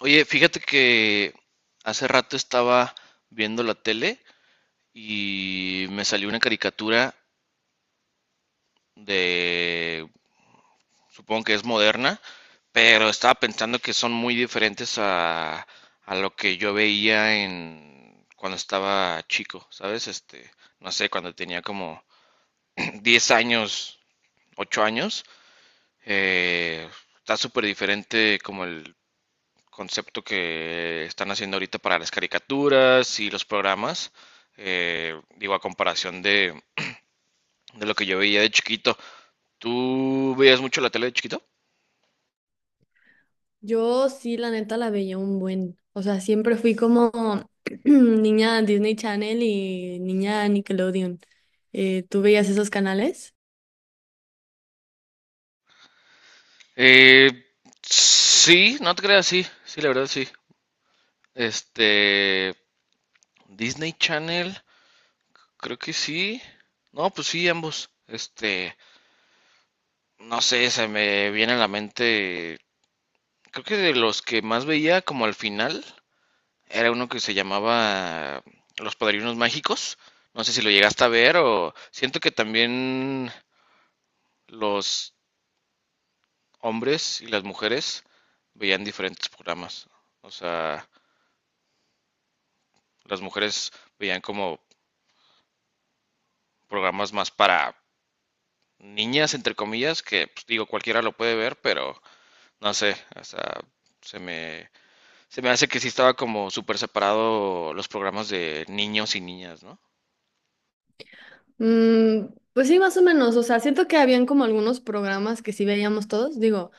Oye, fíjate que hace rato estaba viendo la tele y me salió una caricatura de, supongo que es moderna, pero estaba pensando que son muy diferentes a lo que yo veía en cuando estaba chico, ¿sabes? No sé, cuando tenía como 10 años, 8 años, eh, está súper diferente como el concepto que están haciendo ahorita para las caricaturas y los programas, digo, a comparación de lo que yo veía de chiquito. ¿Tú veías mucho la tele de chiquito? Yo sí, la neta, la veía un buen. O sea, siempre fui como niña Disney Channel y niña Nickelodeon. ¿Tú veías esos canales? Eh, sí, no te creas, sí, sí, la verdad sí. Este, Disney Channel, creo que sí. No, pues sí, ambos. No sé, se me viene a la mente, creo que de los que más veía como al final, era uno que se llamaba Los Padrinos Mágicos. No sé si lo llegaste a ver o siento que también los hombres y las mujeres veían diferentes programas. O sea, las mujeres veían como programas más para niñas, entre comillas, que pues, digo, cualquiera lo puede ver, pero no sé, o sea, se me, se me hace que sí estaba como súper separado los programas de niños y niñas, ¿no? Mm, pues sí, más o menos. O sea, siento que habían como algunos programas que sí veíamos todos. Digo,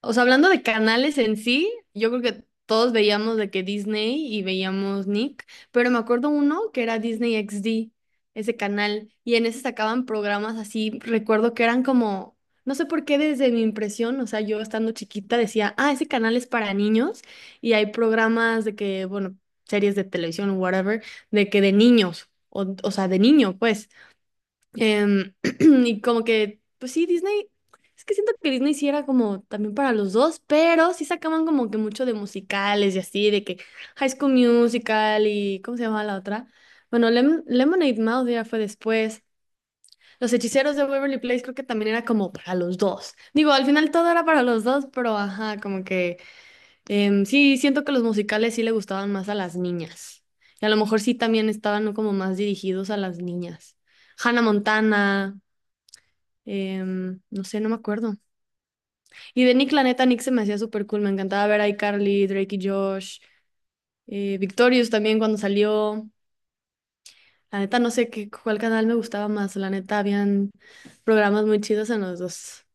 O sea, hablando de canales en sí, yo creo que todos veíamos de que Disney y veíamos Nick, pero me acuerdo uno que era Disney XD, ese canal, y en ese sacaban programas así, recuerdo que eran como, no sé por qué desde mi impresión, o sea, yo estando chiquita decía, ah, ese canal es para niños, y hay programas de que, bueno, series de televisión o whatever, de que de niños, o sea, de niño, pues. Em, y como que, pues sí, Disney, es que siento que Disney sí era como también para los dos, pero sí sacaban como que mucho de musicales y así, de que High School Musical y, ¿cómo se llamaba la otra? Bueno, Lemonade Mouth ya fue después. Los Hechiceros de Waverly Place creo que también era como para los dos. Digo, al final todo era para los dos, pero ajá, como que sí, siento que los musicales sí le gustaban más a las niñas. Y a lo mejor sí también estaban como más dirigidos a las niñas. Hannah Montana. No sé, no me acuerdo. Y de Nick, la neta, Nick se me hacía súper cool. Me encantaba ver a iCarly, Drake y Josh, Victorious también cuando salió. La neta, no sé qué, cuál canal me gustaba más. La neta, habían programas muy chidos en los dos.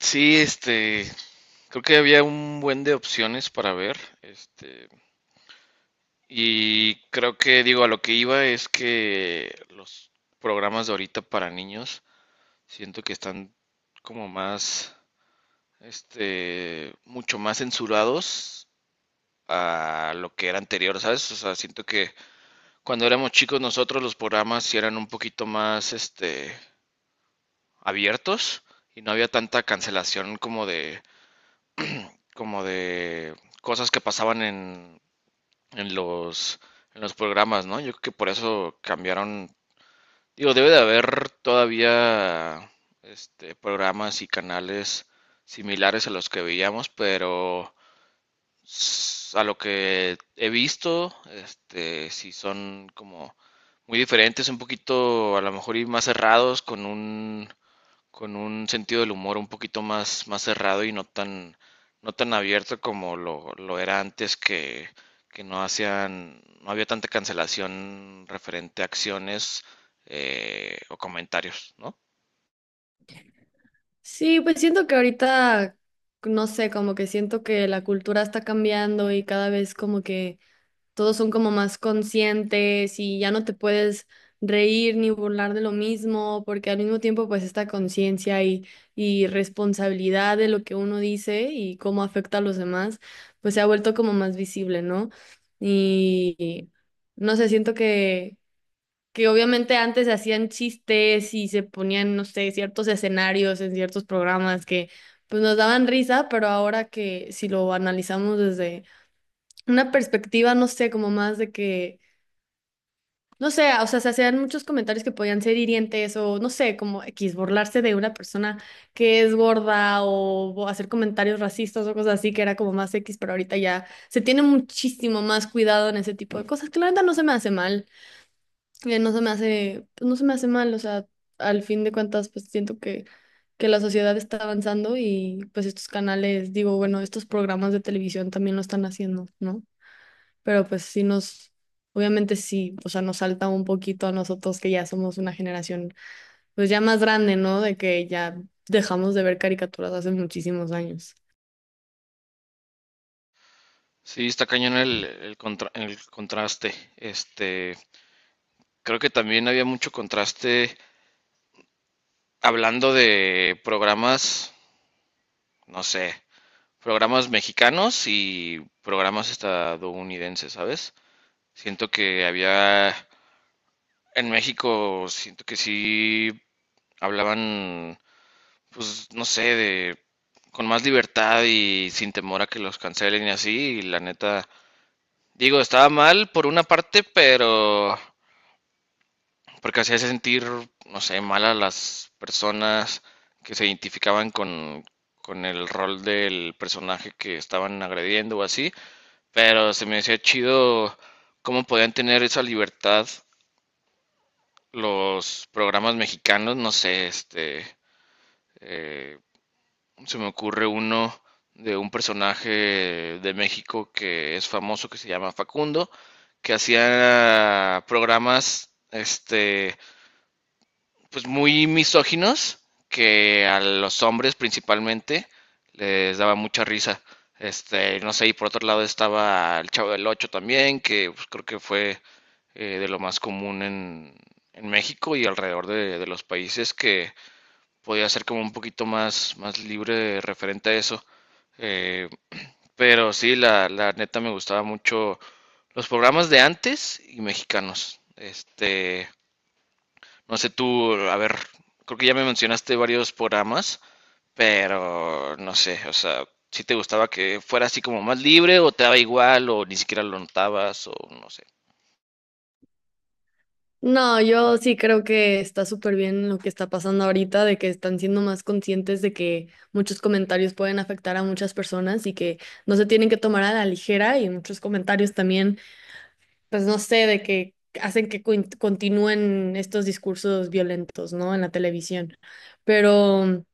Sí, creo que había un buen de opciones para ver, y creo que digo, a lo que iba es que los programas de ahorita para niños siento que están como mucho más censurados a lo que era anterior, ¿sabes? O sea, siento que cuando éramos chicos nosotros los programas sí eran un poquito abiertos y no había tanta cancelación como como de cosas que pasaban en en los programas, ¿no? Yo creo que por eso cambiaron. Digo, debe de haber todavía programas y canales similares a los que veíamos, pero a lo que he visto, sí son como muy diferentes, un poquito a lo mejor y más cerrados, con un sentido del humor un poquito más, más cerrado y no tan, no tan abierto como lo era antes que no hacían, no había tanta cancelación referente a acciones o comentarios, ¿no? Sí, pues siento que ahorita, no sé, como que siento que la cultura está cambiando y cada vez como que todos son como más conscientes y ya no te puedes reír ni burlar de lo mismo, porque al mismo tiempo pues esta conciencia y responsabilidad de lo que uno dice y cómo afecta a los demás, pues se ha vuelto como más visible, ¿no? Y no sé, siento que obviamente antes se hacían chistes y se ponían, no sé, ciertos escenarios en ciertos programas que pues nos daban risa, pero ahora que si lo analizamos desde una perspectiva, no sé, como más de que, no sé, o sea, se hacían muchos comentarios que podían ser hirientes o, no sé, como X, burlarse de una persona que es gorda o hacer comentarios racistas o cosas así, que era como más X, pero ahorita ya se tiene muchísimo más cuidado en ese tipo de cosas, que la neta no se me hace mal, no se me hace, pues, no se me hace mal, o sea, al fin de cuentas, pues siento que... Que la sociedad está avanzando y pues estos canales, digo, bueno, estos programas de televisión también lo están haciendo, ¿no? Pero pues sí nos, obviamente sí, o sea, nos salta un poquito a nosotros que ya somos una generación pues ya más grande, ¿no? De que ya dejamos de ver caricaturas hace muchísimos años. Sí, está cañón el contraste. Creo que también había mucho contraste hablando de programas, no sé, programas mexicanos y programas estadounidenses, ¿sabes? Siento que había en México siento que sí hablaban, pues no sé, de con más libertad y sin temor a que los cancelen y así, y la neta, digo, estaba mal por una parte, pero porque hacía sentir, no sé, mal a las personas que se identificaban con el rol del personaje que estaban agrediendo o así, pero se me hacía chido cómo podían tener esa libertad los programas mexicanos, no sé, Eh, se me ocurre uno de un personaje de México que es famoso, que se llama Facundo, que hacía programas, pues muy misóginos, que a los hombres principalmente les daba mucha risa. No sé, y por otro lado estaba el Chavo del Ocho también, que pues, creo que fue de lo más común en México y alrededor de los países que podía ser como un poquito más, más libre referente a eso. Eh, pero sí, la neta me gustaba mucho los programas de antes y mexicanos. No sé tú, a ver, creo que ya me mencionaste varios programas, pero no sé, o sea, si te gustaba que fuera así como más libre o te daba igual o ni siquiera lo notabas o no sé. No, yo sí creo que está súper bien lo que está pasando ahorita, de que están siendo más conscientes de que muchos comentarios pueden afectar a muchas personas y que no se tienen que tomar a la ligera y muchos comentarios también, pues no sé, de que hacen que continúen estos discursos violentos, ¿no? En la televisión. Pero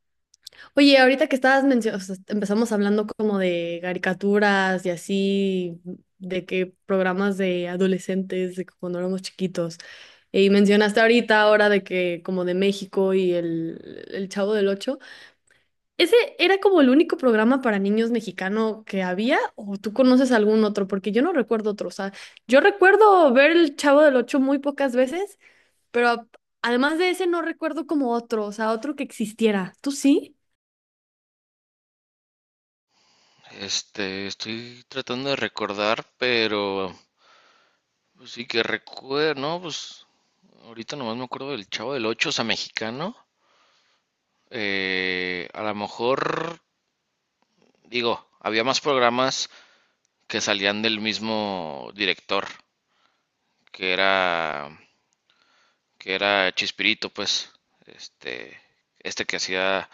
oye, ahorita que estabas mencionando, empezamos hablando como de caricaturas y así, de que programas de adolescentes, de que cuando éramos chiquitos. Y mencionaste ahorita ahora de que como de México y el Chavo del Ocho. ¿Ese era como el único programa para niños mexicano que había? ¿O tú conoces algún otro? Porque yo no recuerdo otro. O sea, yo recuerdo ver el Chavo del Ocho muy pocas veces, pero además de ese no recuerdo como otro, o sea, otro que existiera. ¿Tú sí? Estoy tratando de recordar, pero pues sí, que recuerde, no, pues ahorita nomás me acuerdo del Chavo del Ocho, o sea, mexicano. A lo mejor, digo, había más programas que salían del mismo director, que era, que era Chispirito, pues, este, este que hacía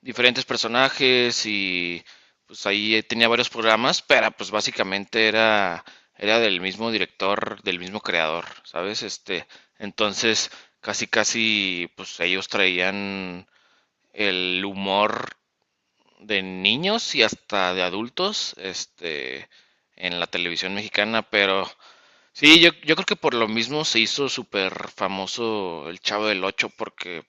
diferentes personajes y pues ahí tenía varios programas, pero pues básicamente era del mismo director, del mismo creador, ¿sabes? Entonces casi casi pues ellos traían el humor de niños y hasta de adultos, en la televisión mexicana, pero sí, yo creo que por lo mismo se hizo súper famoso el Chavo del Ocho, porque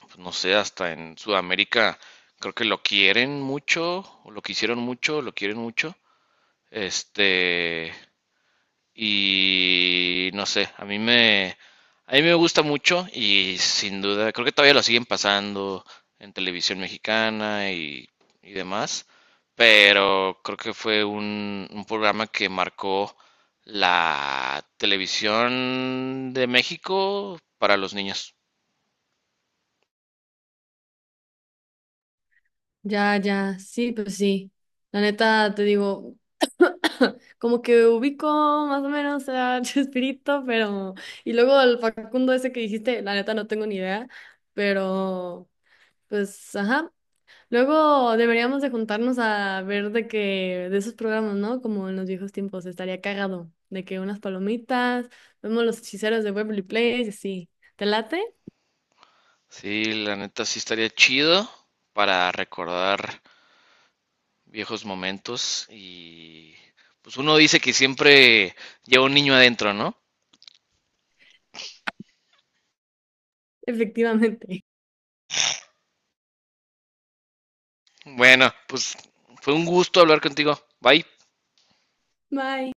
pues, no sé, hasta en Sudamérica creo que lo quieren mucho, o lo quisieron mucho, o lo quieren mucho. Este, y no sé, a mí me gusta mucho y sin duda, creo que todavía lo siguen pasando en televisión mexicana y demás, pero creo que fue un programa que marcó la televisión de México para los niños. Ya, ya, sí, pues sí. La neta, te digo, como que ubico más o menos a Chespirito, pero... Y luego el Facundo ese que dijiste, la neta no tengo ni idea, pero pues, ajá. Luego deberíamos de juntarnos a ver de que, de esos programas, ¿no? Como en los viejos tiempos, estaría cagado, de que unas palomitas, vemos los Hechiceros de Waverly Place, y así. ¿Te late? Sí, la neta sí estaría chido para recordar viejos momentos y pues uno dice que siempre lleva un niño adentro, ¿no? Efectivamente. Bueno, pues fue un gusto hablar contigo. Bye. Bye.